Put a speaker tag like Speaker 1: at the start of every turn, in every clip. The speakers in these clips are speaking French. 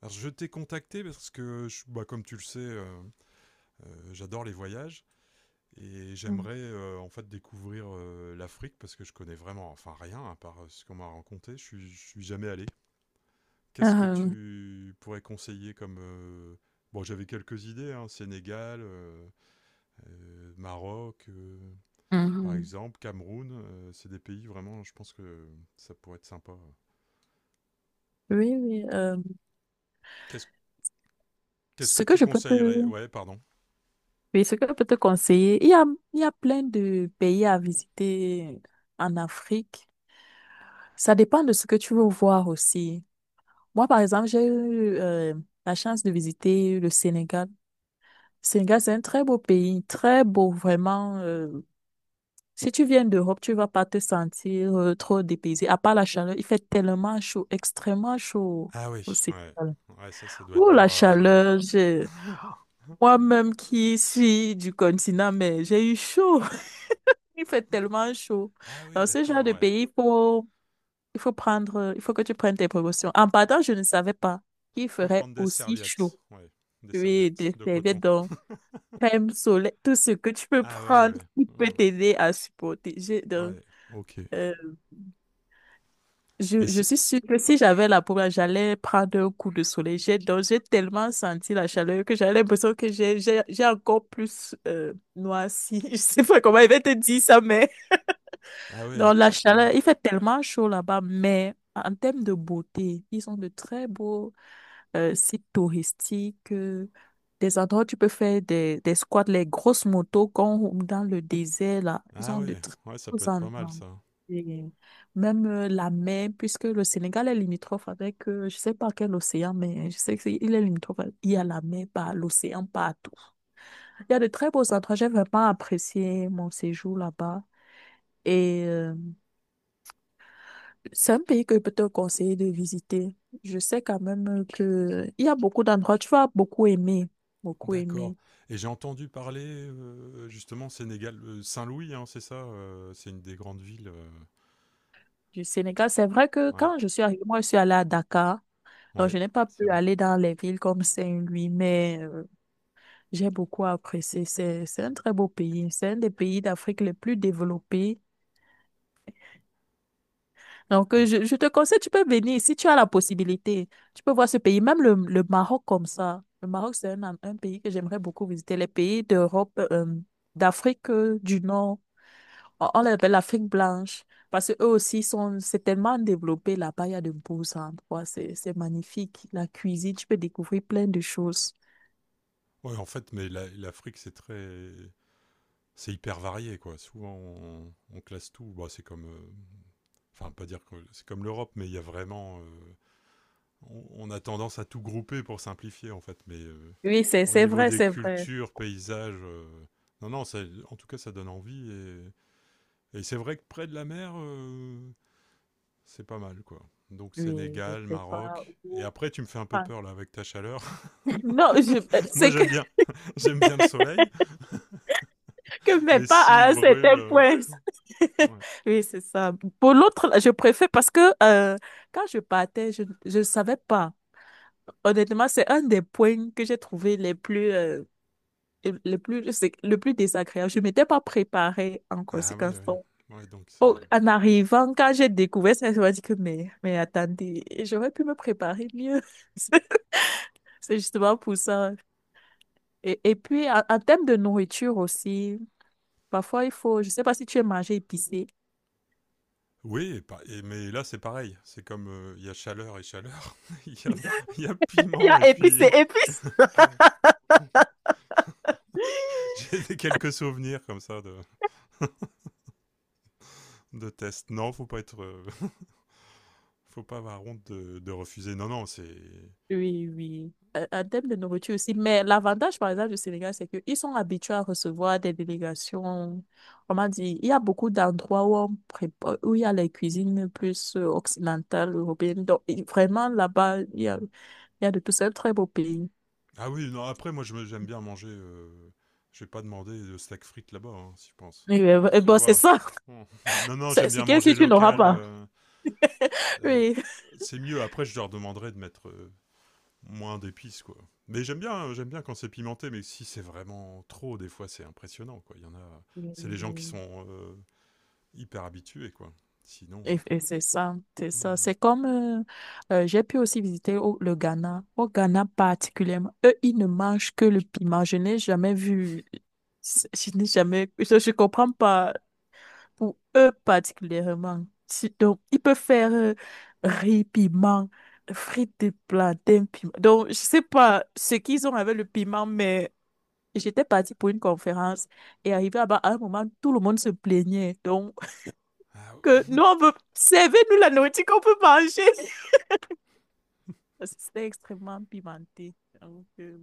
Speaker 1: Alors je t'ai contacté parce que, comme tu le sais, j'adore les voyages et
Speaker 2: Mm.
Speaker 1: j'aimerais en fait découvrir l'Afrique parce que je connais vraiment, enfin rien à part ce qu'on m'a raconté. Je suis jamais allé. Qu'est-ce que
Speaker 2: Euh,
Speaker 1: tu pourrais conseiller comme bon, j'avais quelques idées, hein, Sénégal, Maroc, par
Speaker 2: mhm.
Speaker 1: exemple, Cameroun. C'est des pays vraiment, je pense que ça pourrait être sympa.
Speaker 2: Oui, oui.
Speaker 1: Qu'est-ce qu'est-ce que
Speaker 2: Ce que
Speaker 1: tu
Speaker 2: je peux
Speaker 1: conseillerais? Ouais, pardon.
Speaker 2: oui, ce que je peux te conseiller, il y a plein de pays à visiter en Afrique. Ça dépend de ce que tu veux voir aussi. Moi, par exemple, j'ai eu la chance de visiter le Sénégal. Le Sénégal, c'est un très beau pays, très beau, vraiment. Si tu viens d'Europe, tu vas pas te sentir trop dépaysé. À part la chaleur, il fait tellement chaud, extrêmement chaud
Speaker 1: Ah
Speaker 2: au
Speaker 1: oui, ouais.
Speaker 2: Sénégal.
Speaker 1: Ouais, ça doit être
Speaker 2: Oh,
Speaker 1: dur
Speaker 2: la
Speaker 1: à,
Speaker 2: chaleur, moi-même qui suis du continent, mais j'ai eu chaud. Il fait tellement chaud.
Speaker 1: Ah oui,
Speaker 2: Dans ce genre
Speaker 1: d'accord,
Speaker 2: de
Speaker 1: ouais.
Speaker 2: pays, il faut prendre, il faut que tu prennes tes précautions. En partant, je ne savais pas qu'il
Speaker 1: Faut
Speaker 2: ferait
Speaker 1: prendre des
Speaker 2: aussi
Speaker 1: serviettes,
Speaker 2: chaud.
Speaker 1: ouais. Des
Speaker 2: Oui,
Speaker 1: serviettes
Speaker 2: des
Speaker 1: de
Speaker 2: serviettes,
Speaker 1: coton.
Speaker 2: donc, crème soleil, tout ce que tu peux
Speaker 1: Ah ouais,
Speaker 2: prendre
Speaker 1: ouais.
Speaker 2: qui peut
Speaker 1: Hmm.
Speaker 2: t'aider à supporter. Donc,
Speaker 1: Ouais, ok.
Speaker 2: euh,
Speaker 1: Et
Speaker 2: je
Speaker 1: c'est...
Speaker 2: suis sûre que si j'avais la peau, là, j'allais prendre un coup de soleil. J'ai donc j'ai tellement senti la chaleur que j'avais l'impression que j'ai encore plus noirci. Je sais pas comment il va te dire ça, mais
Speaker 1: Ah ouais,
Speaker 2: dans la
Speaker 1: après... Ouais.
Speaker 2: chaleur, il fait tellement chaud là-bas, mais en termes de beauté, ils ont de très beaux sites touristiques, des endroits où tu peux faire des squats, les grosses motos qu'on roule dans le désert là. Ils
Speaker 1: Ah
Speaker 2: ont
Speaker 1: ouais,
Speaker 2: de très
Speaker 1: ouais, ça
Speaker 2: beaux
Speaker 1: peut être pas mal,
Speaker 2: endroits.
Speaker 1: ça.
Speaker 2: Et même la mer, puisque le Sénégal est limitrophe avec, je sais pas quel océan, mais je sais qu'il est limitrophe. Il y a la mer, par l'océan partout. Il y a de très beaux endroits. J'ai vraiment apprécié mon séjour là-bas. Et c'est un pays que je peux te conseiller de visiter. Je sais quand même que il y a beaucoup d'endroits, tu vas beaucoup
Speaker 1: D'accord.
Speaker 2: aimer
Speaker 1: Et j'ai entendu parler, justement, Sénégal... Saint-Louis, hein, c'est ça c'est une des grandes villes.
Speaker 2: du Sénégal. C'est vrai que
Speaker 1: Ouais,
Speaker 2: quand je suis arrivée, moi, je suis allée à Dakar, donc
Speaker 1: ouais,
Speaker 2: je n'ai pas
Speaker 1: c'est
Speaker 2: pu
Speaker 1: bien.
Speaker 2: aller dans les villes comme Saint-Louis, mais j'ai beaucoup apprécié. C'est un très beau pays. C'est un des pays d'Afrique les plus développés. Donc,
Speaker 1: Et-
Speaker 2: je te conseille, tu peux venir si tu as la possibilité. Tu peux voir ce pays, même le Maroc comme ça. Le Maroc, c'est un pays que j'aimerais beaucoup visiter. Les pays d'Europe, d'Afrique du Nord, on les appelle l'Afrique blanche, parce que eux aussi sont, c'est tellement développé là-bas, il y a de beaux endroits, c'est magnifique. La cuisine, tu peux découvrir plein de choses.
Speaker 1: Ouais, en fait, l'Afrique, c'est très... C'est hyper varié, quoi. Souvent, on classe tout. Bah, c'est comme... enfin, pas dire que c'est comme l'Europe, mais il y a vraiment. On a tendance à tout grouper pour simplifier, en fait. Mais
Speaker 2: Oui,
Speaker 1: au
Speaker 2: c'est
Speaker 1: niveau
Speaker 2: vrai,
Speaker 1: des
Speaker 2: c'est vrai.
Speaker 1: cultures, paysages. Non, non, ça- en tout cas, ça donne envie. Et c'est vrai que près de la mer, c'est pas mal, quoi. Donc,
Speaker 2: Oui, je
Speaker 1: Sénégal,
Speaker 2: sais pas
Speaker 1: Maroc. Et
Speaker 2: où.
Speaker 1: après, tu me fais un peu
Speaker 2: Ah,
Speaker 1: peur, là, avec ta chaleur.
Speaker 2: non, je,
Speaker 1: Moi,
Speaker 2: c'est que
Speaker 1: j'aime bien. J'aime bien le soleil.
Speaker 2: que mais
Speaker 1: Mais
Speaker 2: pas
Speaker 1: s'il
Speaker 2: à un
Speaker 1: brûle.
Speaker 2: certain point.
Speaker 1: Ouais.
Speaker 2: Oui, c'est ça. Pour l'autre, là, je préfère parce que quand je partais, je ne savais pas. Honnêtement, c'est un des points que j'ai trouvé les plus, c'est le plus désagréable. Je ne m'étais pas préparée en
Speaker 1: Ah, ouais,
Speaker 2: conséquence.
Speaker 1: ouais.
Speaker 2: Donc,
Speaker 1: Ouais, donc c'est.
Speaker 2: en arrivant, quand j'ai découvert ça, je me suis dit que mais attendez, j'aurais pu me préparer mieux. C'est justement pour ça. Et puis, en termes de nourriture aussi, parfois il faut, je ne sais pas si tu aimes manger épicé.
Speaker 1: Oui, mais là c'est pareil, c'est comme il y a chaleur et chaleur, il y a, il y a
Speaker 2: Il y
Speaker 1: piment et
Speaker 2: a épices
Speaker 1: puis
Speaker 2: et épices.
Speaker 1: ouais. Quelques souvenirs comme ça de tests. Non, faut pas être, faut pas avoir honte de refuser. Non, non, c'est.
Speaker 2: Oui, oui. En termes de nourriture aussi. Mais l'avantage, par exemple, du Sénégal, c'est qu'ils sont habitués à recevoir des délégations. Comment dire? Il y a beaucoup d'endroits où, on prépa- où il y a les cuisines plus occidentales, européennes. Donc, vraiment, là-bas, il y a de tout. C'est un très beau pays.
Speaker 1: Ah oui, non. Après, j'aime bien manger. Je vais pas demander de steak frites là-bas, hein, si je pense.
Speaker 2: Oui, oui, oui.
Speaker 1: Tu
Speaker 2: Bon, c'est
Speaker 1: vois.
Speaker 2: ça.
Speaker 1: Hmm. Non, non, j'aime
Speaker 2: C'est
Speaker 1: bien
Speaker 2: que si
Speaker 1: manger
Speaker 2: tu n'auras
Speaker 1: local.
Speaker 2: pas.
Speaker 1: Euh,
Speaker 2: Oui.
Speaker 1: c'est mieux. Après, je leur demanderai de mettre, moins d'épices quoi. Mais j'aime bien quand c'est pimenté, mais si c'est vraiment trop, des fois c'est impressionnant quoi. Il y en a,
Speaker 2: Oui,
Speaker 1: c'est les gens qui
Speaker 2: oui.
Speaker 1: sont hyper habitués quoi. Sinon,
Speaker 2: Et c'est ça, c'est ça.
Speaker 1: hmm.
Speaker 2: C'est comme, j'ai pu aussi visiter le Ghana. Au Ghana particulièrement, eux, ils ne mangent que le piment. Je n'ai jamais vu, je n'ai jamais, je comprends pas pour eux particulièrement. Si- Donc, ils peuvent faire riz, piment, frites de plantain, piment. Donc, je sais pas ce qu'ils ont avec le piment, mais j'étais partie pour une conférence et arrivé là-bas, à un moment, tout le monde se plaignait. Donc,
Speaker 1: ah,
Speaker 2: que nous, on veut... servir nous la nourriture qu'on peut manger. Parce que c'était extrêmement pimenté. Donc,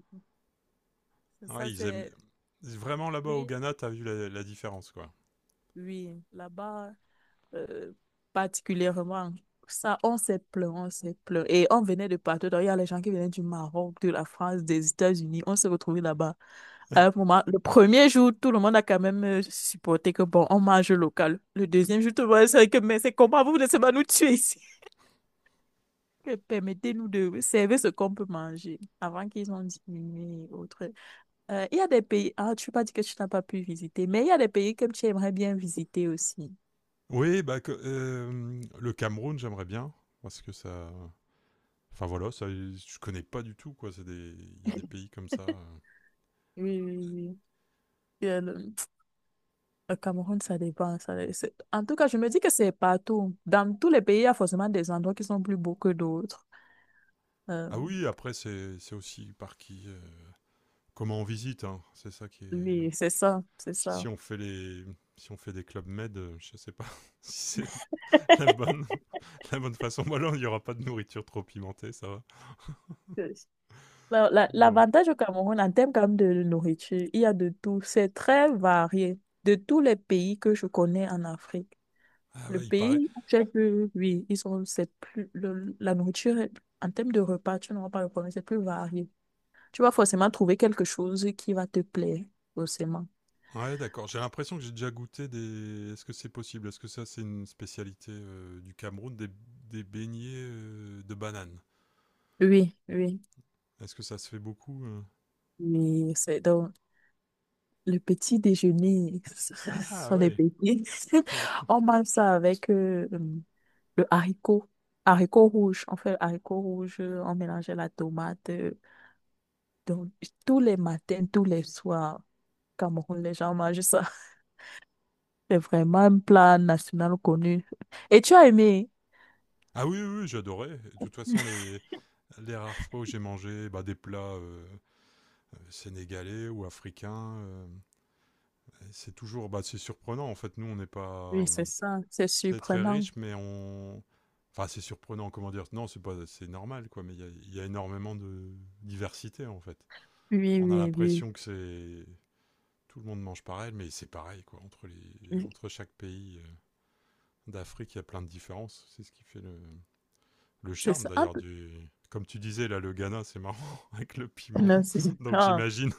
Speaker 1: ouais,
Speaker 2: ça,
Speaker 1: ils aiment
Speaker 2: c'est...
Speaker 1: vraiment là-bas au
Speaker 2: Oui,
Speaker 1: Ghana, t'as vu la, la, différence quoi.
Speaker 2: oui, là-bas, euh, particulièrement. Ça, on s'est plaint, on s'est plaint. Et on venait de partout. Donc, il y a les gens qui venaient du Maroc, de la France, des États-Unis. On s'est retrouvés là-bas. À un moment, le premier jour, tout le monde a quand même supporté que, bon, on mange local. Le deuxième jour, tout le monde a dit que, mais c'est comment vous laissez pas nous tuer ici? Que permettez-nous de servir ce qu'on peut manger avant qu'ils ont diminué et autres. Il y a des pays, ah, tu pas dit que tu n'as pas pu visiter, mais il y a des pays que tu aimerais bien visiter aussi.
Speaker 1: Oui, bah que, le Cameroun, j'aimerais bien parce que ça, enfin voilà, ça, je connais pas du tout quoi. C'est des, il y a des pays comme ça.
Speaker 2: Oui, oui, oui. Euh, Le le Cameroun, ça dépend. En tout cas, je me dis que c'est partout. Dans tous les pays, il y a forcément des endroits qui sont plus beaux que d'autres. Euh,
Speaker 1: Ah oui, après c'est aussi par qui, comment on visite, hein. C'est ça qui est
Speaker 2: oui, c'est ça, c'est
Speaker 1: Si
Speaker 2: ça.
Speaker 1: on fait les, si on fait des clubs med, je sais pas si c'est la bonne, la bonne façon. Voilà, il n'y aura pas de nourriture trop pimentée, ça va. Non.
Speaker 2: L'avantage au Cameroun, en termes quand même de nourriture, il y a de tout. C'est très varié. De tous les pays que je connais en Afrique,
Speaker 1: Ah
Speaker 2: le
Speaker 1: ouais, il paraît.
Speaker 2: pays où j'ai pu- oui, ils sont, c'est plus, la nourriture, en termes de repas, tu n'auras pas le problème, c'est plus varié. Tu vas forcément trouver quelque chose qui va te plaire, forcément.
Speaker 1: Ouais, d'accord. J'ai l'impression que j'ai déjà goûté des. Est-ce que c'est possible? Est-ce que ça, c'est une spécialité du Cameroun, des beignets de bananes?
Speaker 2: Oui, oui.
Speaker 1: Est-ce que ça se fait beaucoup?
Speaker 2: Mais c'est donc le petit déjeuner, ce
Speaker 1: Ah
Speaker 2: sont les
Speaker 1: ouais.
Speaker 2: petits.
Speaker 1: on a-
Speaker 2: On mange ça avec le haricot. Haricot rouge. On fait le haricot rouge, on mélangeait la tomate. Donc, tous les matins, tous les soirs, au Cameroun, les gens mangent ça. C'est vraiment un plat national connu. Et tu as aimé?
Speaker 1: Ah oui, oui, oui, j'adorais. De toute façon, les rares fois où j'ai mangé bah, des plats sénégalais ou africains, c'est toujours, bah, c'est surprenant. En fait, nous, on n'est pas,
Speaker 2: Oui, c'est ça. C'est
Speaker 1: c'est très
Speaker 2: surprenant.
Speaker 1: riche, mais on, enfin, c'est surprenant. Comment dire? Non, c'est pas, c'est normal, quoi. Mais il y a énormément de diversité, en fait.
Speaker 2: Oui,
Speaker 1: On a
Speaker 2: oui, oui.
Speaker 1: l'impression que c'est tout le monde mange pareil, mais c'est pareil, quoi. Entre les,
Speaker 2: Oui,
Speaker 1: entre chaque pays d'Afrique, il y a plein de différences. C'est ce qui fait le
Speaker 2: c'est
Speaker 1: charme,
Speaker 2: ça.
Speaker 1: d'ailleurs, du. Comme tu disais, là, le Ghana, c'est marrant, avec le piment.
Speaker 2: Non, c'est
Speaker 1: Donc,
Speaker 2: ah,
Speaker 1: j'imagine.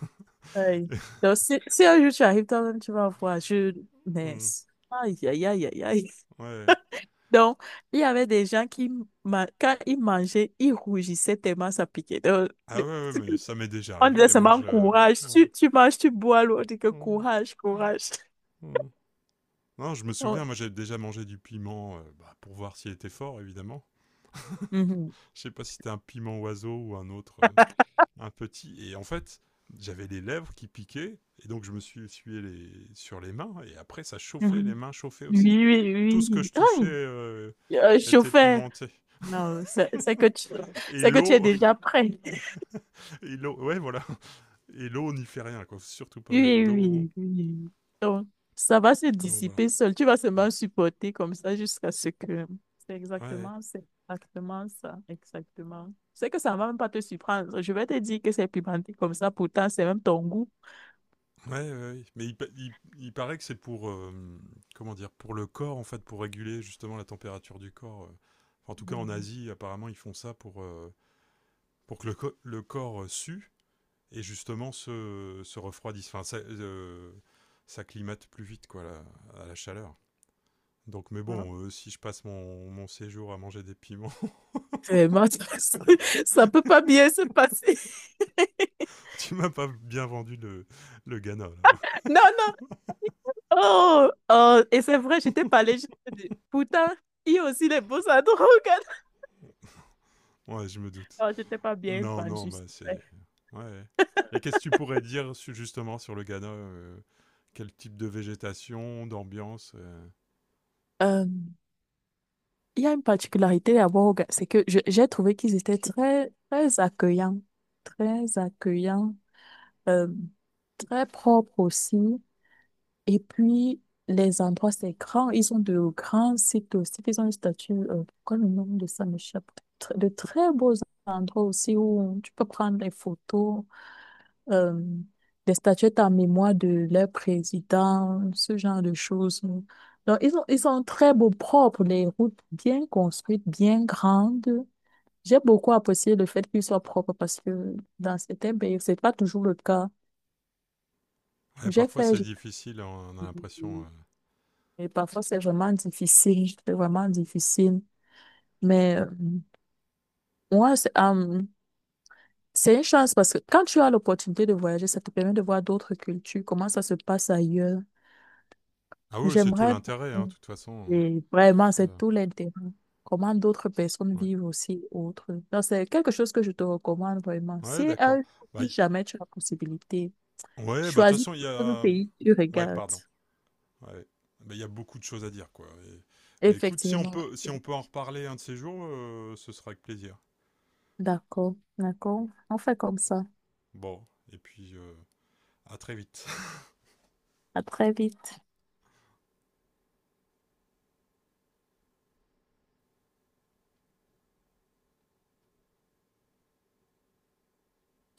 Speaker 2: aïe. Donc, si, si un jour tu arrives toi-même, tu vas voir. Je... Mais...
Speaker 1: Mm.
Speaker 2: Aïe, aïe, aïe, aïe, aïe.
Speaker 1: ouais.
Speaker 2: Donc, il y avait des gens qui, quand ils mangeaient, ils rougissaient tellement ça piquait. Donc,
Speaker 1: Ah ouais,
Speaker 2: le-
Speaker 1: ouais, mais ça m'est déjà
Speaker 2: on
Speaker 1: arrivé.
Speaker 2: disait
Speaker 1: Et moi,
Speaker 2: seulement
Speaker 1: je.
Speaker 2: courage. Tu manges, tu bois l'eau. On dit que courage, courage.
Speaker 1: Mm. Non, je me
Speaker 2: Donc,
Speaker 1: souviens, moi j'avais déjà mangé du piment bah, pour voir s'il était fort, évidemment.
Speaker 2: mhm,
Speaker 1: Je sais pas si c'était un piment oiseau ou un autre, un petit. Et en fait, j'avais les lèvres qui piquaient, et donc je me suis essuyé les... sur les mains, et après ça chauffait,
Speaker 2: mhm.
Speaker 1: les mains chauffaient aussi.
Speaker 2: Oui,
Speaker 1: Tout ce que
Speaker 2: oui,
Speaker 1: je
Speaker 2: oui.
Speaker 1: touchais
Speaker 2: Aïe,
Speaker 1: était
Speaker 2: chauffeur.
Speaker 1: pimenté.
Speaker 2: Non,
Speaker 1: Et
Speaker 2: c'est que tu es
Speaker 1: l'eau,
Speaker 2: déjà prêt.
Speaker 1: et l'eau, ouais voilà. Et l'eau n'y fait rien, quoi. Faut surtout pas mettre
Speaker 2: Oui,
Speaker 1: d'eau.
Speaker 2: oui, oui. Donc, ça va se
Speaker 1: Donc voilà.
Speaker 2: dissiper seul. Tu vas seulement supporter comme ça jusqu'à ce que...
Speaker 1: Ouais.
Speaker 2: c'est exactement ça, exactement. C'est que ça ne va même pas te surprendre. Je vais te dire que c'est pimenté comme ça, pourtant, c'est même ton goût.
Speaker 1: Ouais, ouais, ouais. Il paraît que c'est pour comment dire? Pour le corps en fait pour réguler justement la température du corps. Enfin, en tout cas en
Speaker 2: Mhm.
Speaker 1: Asie apparemment ils font ça pour que le corps sue et justement se, se refroidisse. Enfin ça s'acclimate plus vite quoi la- à la chaleur. Donc mais
Speaker 2: Ah,
Speaker 1: bon si je passe mon, mon séjour à manger des piments,
Speaker 2: vraiment, ça ne peut pas bien se passer.
Speaker 1: tu m'as pas bien vendu le Ghana là.
Speaker 2: Non, non. Oh, oh, et c'est vrai, je t'ai parlé. Je t'ai dit, pourtant, il y a aussi les beaux endroits.
Speaker 1: Ouais je me doute.
Speaker 2: Non, je t'ai pas bien
Speaker 1: Non, non,
Speaker 2: vendu,
Speaker 1: bah c'est.
Speaker 2: c'est
Speaker 1: Ouais. Et qu'est-ce que tu pourrais dire su- justement sur le Ghana quel type de végétation, d'ambiance?
Speaker 2: vrai. Il y a une particularité d'abord, c'est que j'ai trouvé qu'ils étaient très, très accueillants, très accueillants, euh, très propres aussi. Et puis, les endroits, c'est grand. Ils ont de grands sites aussi. Ils ont une statue, pourquoi le nom de ça m'échappe? De très beaux endroits aussi où tu peux prendre des photos euh, des statuettes en mémoire de leur président, ce genre de choses. Donc, ils ont, ils sont très beaux, propres, les routes bien construites, bien grandes. J'ai beaucoup apprécié le fait qu'ils soient propres parce que dans certains pays, c'est pas toujours le cas.
Speaker 1: Ouais,
Speaker 2: J'ai
Speaker 1: parfois
Speaker 2: fait,
Speaker 1: c'est difficile, hein, on a l'impression.
Speaker 2: et parfois c'est vraiment difficile, c'est vraiment difficile. Mais moi, c'est une chance parce que quand tu as l'opportunité de voyager, ça te permet de voir d'autres cultures, comment ça se passe ailleurs.
Speaker 1: Ah oui, c'est tout
Speaker 2: J'aimerais
Speaker 1: l'intérêt, hein, de
Speaker 2: beaucoup.
Speaker 1: toute façon.
Speaker 2: Et vraiment, c'est
Speaker 1: euh,
Speaker 2: tout l'intérêt. Comment d'autres personnes
Speaker 1: Ouais,
Speaker 2: vivent aussi autre. Donc, c'est quelque chose que je te recommande vraiment.
Speaker 1: Ouais,
Speaker 2: Si un
Speaker 1: d'accord.
Speaker 2: jour,
Speaker 1: Bah,
Speaker 2: si
Speaker 1: y-
Speaker 2: jamais tu as la possibilité,
Speaker 1: Ouais, bah de toute
Speaker 2: choisis
Speaker 1: façon, il y
Speaker 2: un
Speaker 1: a.
Speaker 2: pays, que tu
Speaker 1: Ouais,
Speaker 2: regardes.
Speaker 1: pardon. Ouais. Bah, il y a beaucoup de choses à dire, quoi. Et- Bah écoute, si on
Speaker 2: Effectivement.
Speaker 1: peut, si on peut en reparler un de ces jours, ce sera avec plaisir.
Speaker 2: D'accord, d'accord. On fait comme ça.
Speaker 1: Bon, et puis à très vite.
Speaker 2: À très vite.